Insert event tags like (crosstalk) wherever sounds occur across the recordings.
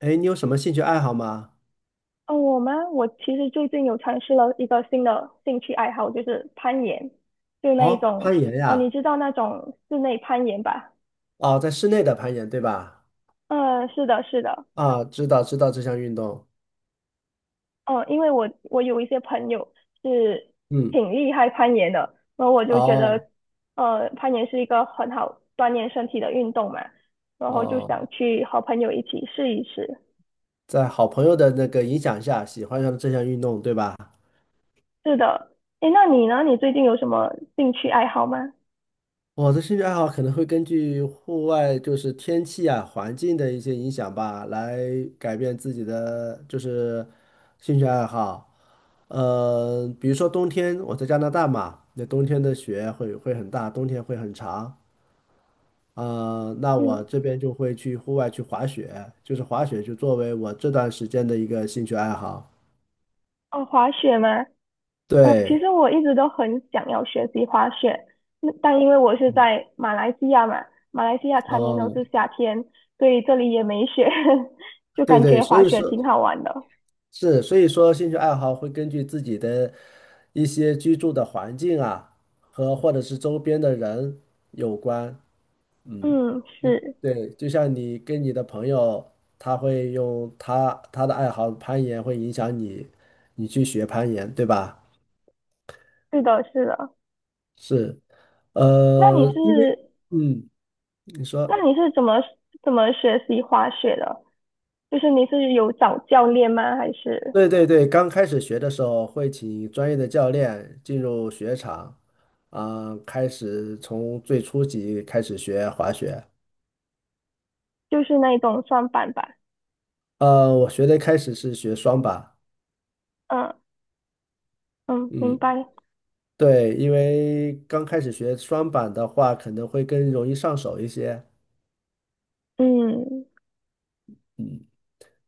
哎，你有什么兴趣爱好吗？哦，我吗？我其实最近有尝试了一个新的兴趣爱好，就是攀岩，就那一哦，种，攀岩哦，你呀，知道那种室内攀岩吧？哦，在室内的攀岩，对吧？嗯，是的，是的，啊，知道知道这项运动，哦，因为我有一些朋友是嗯，挺厉害攀岩的，然后我就觉得，哦攀岩是一个很好锻炼身体的运动嘛，然后就哦，想去和朋友一起试一试。在好朋友的那个影响下，喜欢上了这项运动，对吧？是的，诶，那你呢？你最近有什么兴趣爱好吗？我的兴趣爱好可能会根据户外就是天气啊、环境的一些影响吧，来改变自己的就是兴趣爱好。比如说冬天，我在加拿大嘛，那冬天的雪会很大，冬天会很长。那我嗯，这边就会去户外去滑雪，就是滑雪就作为我这段时间的一个兴趣爱好。哦，滑雪吗？哦，其对，实我一直都很想要学习滑雪，那但因为我是在马来西亚嘛，马来西亚常年都哦，是夏天，所以这里也没雪，(laughs) 就对感对，觉所滑以雪说挺好玩的。是，所以说兴趣爱好会根据自己的一些居住的环境啊，和或者是周边的人有关。嗯，嗯，是，对，就像你跟你的朋友，他会用他的爱好攀岩，会影响你，你去学攀岩，对吧？是的，是的。是，那你呃，因为。是，嗯，你说，那你是怎么学习滑雪的？就是你是有找教练吗？还是对对对，刚开始学的时候会请专业的教练进入雪场，啊、开始从最初级开始学滑雪。就是那种双板吧？我学的开始是学双板，嗯嗯，明嗯，白。对，因为刚开始学双板的话，可能会更容易上手一些。嗯嗯，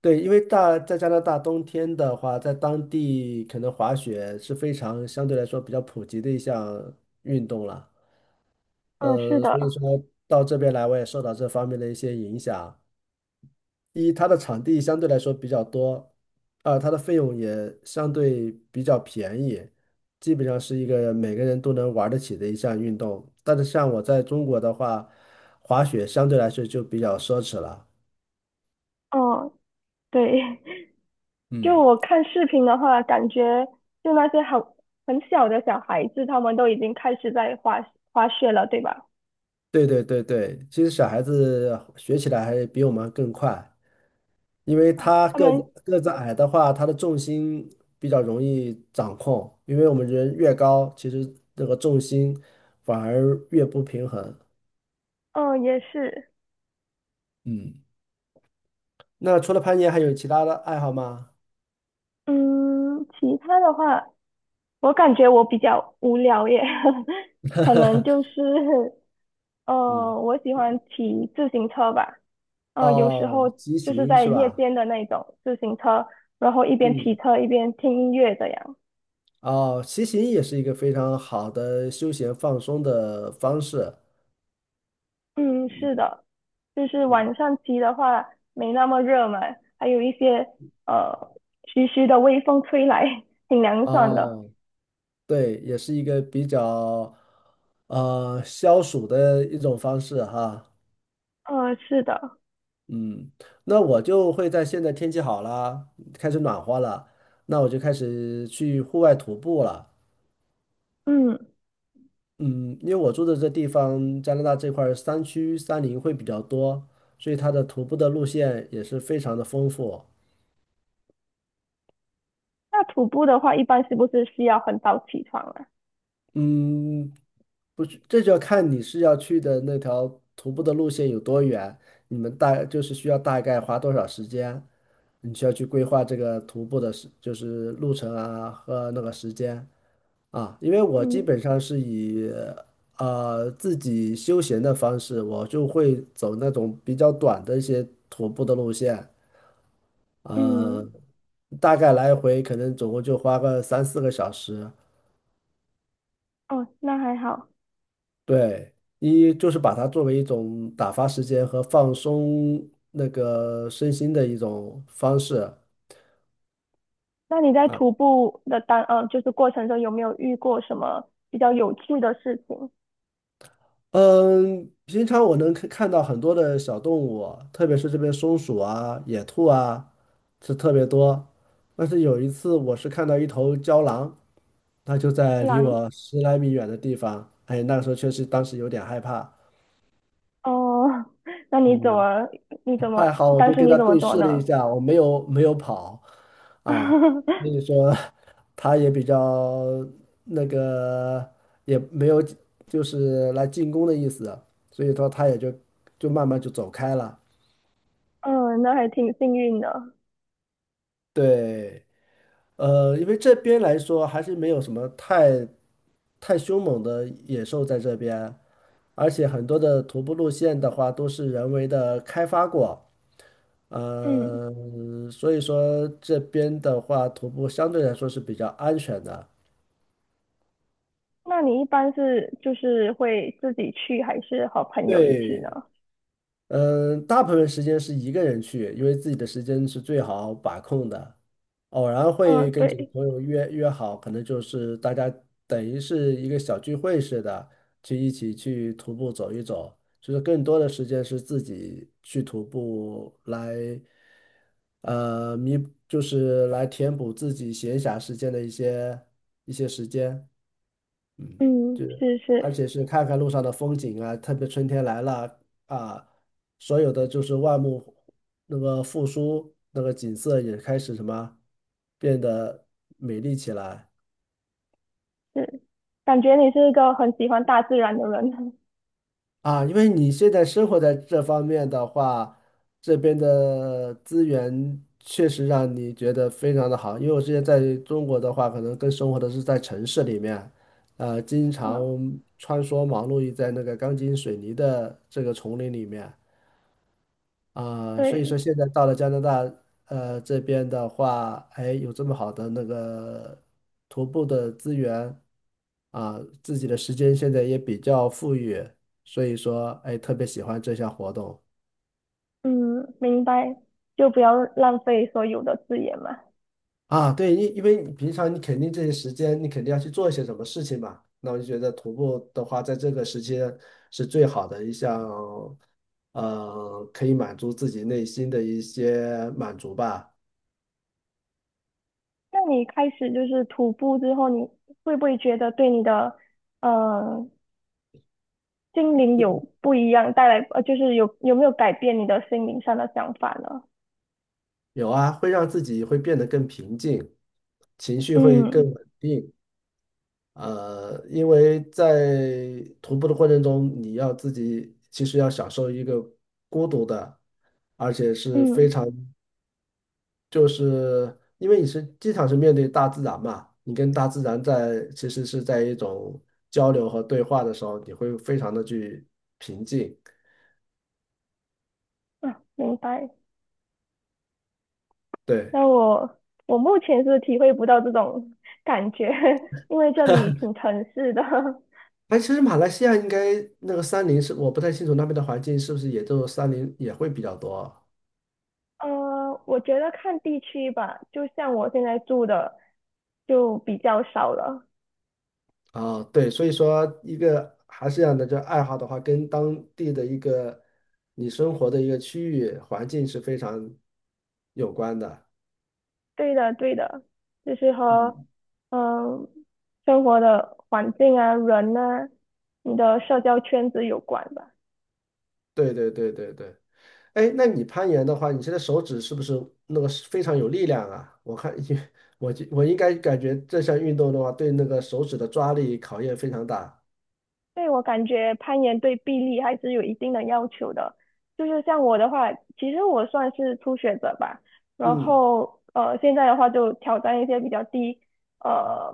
对，因为大在加拿大冬天的话，在当地可能滑雪是非常相对来说比较普及的一项运动了。嗯，是所以的。说到这边来，我也受到这方面的一些影响。一，它的场地相对来说比较多，二，它的费用也相对比较便宜，基本上是一个每个人都能玩得起的一项运动。但是像我在中国的话，滑雪相对来说就比较奢侈了。嗯，对。就嗯。我看视频的话，感觉就那些很小的小孩子，他们都已经开始在滑雪了，对吧？对对对对，其实小孩子学起来还比我们更快。因为啊他他个们，子个子矮的话，他的重心比较容易掌控，因为我们人越高，其实那个重心反而越不平衡。嗯、也是，嗯，那除了攀岩，还有其他的爱好吗？嗯，其他的话，我感觉我比较无聊耶，(laughs) 可能就是，嗯，我喜欢骑自行车吧，有时哦，候骑就是行在是夜吧？间的那种自行车，然后一边骑嗯，车一边听音乐这样。哦，骑行也是一个非常好的休闲放松的方式。嗯，是的，就是嗯，晚上骑的话没那么热嘛，还有一些呃徐徐的微风吹来，挺凉爽的。哦，对，也是一个比较消暑的一种方式哈。是的，嗯，那我就会在现在天气好了，开始暖和了，那我就开始去户外徒步了。嗯，嗯，因为我住的这地方，加拿大这块儿山区山林会比较多，所以它的徒步的路线也是非常的丰富。那徒步的话，一般是不是需要很早起床啊？嗯，不是，这就要看你是要去的那条徒步的路线有多远，你们大就是需要大概花多少时间，你需要去规划这个徒步的时，就是路程啊和那个时间。啊，因为我基本嗯上是以自己休闲的方式，我就会走那种比较短的一些徒步的路线，呃，嗯，大概来回可能总共就花个三四个小时。哦，那还好。对，一就是把它作为一种打发时间和放松那个身心的一种方式，那你在徒步的就是过程中有没有遇过什么比较有趣的事情？嗯，平常我能看到很多的小动物，特别是这边松鼠啊、野兔啊，是特别多。但是有一次，我是看到一头郊狼，它就在离狼？我十来米远的地方。哎，那个时候确实当时有点害怕。哦，(laughs) 那你怎嗯。么你怎么还好，我当就时跟你他怎么对做视了一呢？下，我没有跑啊，(laughs) 所以说他也比较那个，也没有就是来进攻的意思，所以说他也就就慢慢就走开了。嗯，那还挺幸运的。对，因为这边来说还是没有什么太凶猛的野兽在这边，而且很多的徒步路线的话都是人为的开发过，嗯，呃，所以说这边的话徒步相对来说是比较安全的。那你一般是就是会自己去，还是和朋友一起呢？对，嗯，大部分时间是一个人去，因为自己的时间是最好把控的。偶然嗯，会跟几个对，朋友约好，可能就是大家等于是一个小聚会似的，去一起去徒步走一走。就是更多的时间是自己去徒步来，呃，弥，就是来填补自己闲暇时间的一些时间。嗯，嗯，是，是而是且是看看路上的风景啊，特别春天来了啊，所有的就是万物那个复苏，那个景色也开始什么变得美丽起来是，感觉你是一个很喜欢大自然的人。(laughs) 啊。因为你现在生活在这方面的话，这边的资源确实让你觉得非常的好。因为我之前在中国的话，可能更生活的是在城市里面，经常嗯，穿梭忙碌于在那个钢筋水泥的这个丛林里面。啊，所以说对，现在到了加拿大，这边的话，哎，有这么好的那个徒步的资源啊，自己的时间现在也比较富裕，所以说，哎，特别喜欢这项活动嗯，明白，就不要浪费所有的资源嘛。啊。对，因为你平常你肯定这些时间，你肯定要去做一些什么事情嘛。那我就觉得徒步的话，在这个时间是最好的一项，可以满足自己内心的一些满足吧。那你开始就是徒步之后，你会不会觉得对你的呃心灵有不一样，带来就是有没有改变你的心灵上的想法呢？有啊，会让自己会变得更平静，情绪会更嗯稳定。因为在徒步的过程中，你要自己其实要享受一个孤独的，而且是非嗯。常，就是因为你是经常是面对大自然嘛，你跟大自然在其实是在一种交流和对话的时候，你会非常的去平静。啊，明白。对。那我目前是体会不到这种 (laughs) 感觉，(laughs) 因为这里挺城市的。(laughs) 哎，其实马来西亚应该那个山林是，我不太清楚那边的环境是不是也就山林也会比较多啊？我觉得看地区吧，就像我现在住的就比较少了。哦对，所以说一个还是这样的，就爱好的话，跟当地的一个你生活的一个区域环境是非常有关的。对的，对的，就是和嗯，嗯、生活的环境啊、人啊、你的社交圈子有关吧。对对对对对。哎，那你攀岩的话，你现在手指是不是那个是非常有力量啊？我看，(laughs) 因为我就我应该感觉这项运动的话，对那个手指的抓力考验非常大。对，我感觉攀岩对臂力还是有一定的要求的。就是像我的话，其实我算是初学者吧。然嗯后现在的话就挑战一些比较低，呃，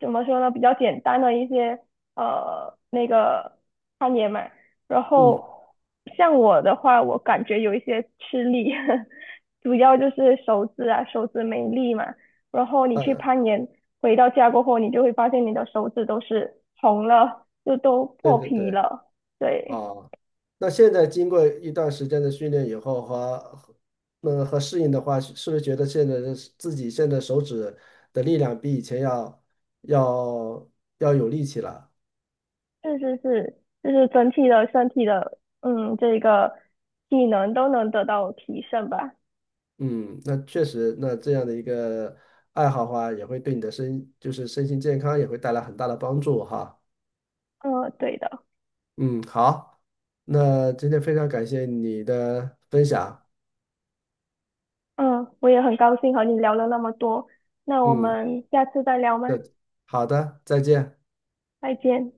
怎么说呢，比较简单的一些那个攀岩嘛。然嗯后像我的话，我感觉有一些吃力，(laughs) 主要就是手指啊，手指没力嘛。然后你去嗯。攀岩。回到家过后，你就会发现你的手指都是红了，就都对破对皮对，了。对，啊，那现在经过一段时间的训练以后和那个和适应的话，是不是觉得现在的自己现在手指的力量比以前要要要有力气了？是是是，就是整体的身体的，嗯，这个技能都能得到提升吧。嗯，那确实，那这样的一个爱好的话，也会对你的身就是身心健康也会带来很大的帮助哈。嗯，对的。嗯，好，那今天非常感谢你的分享。嗯，我也很高兴和你聊了那么多。那我嗯，们下次再聊吗？对，好的，再见。再见。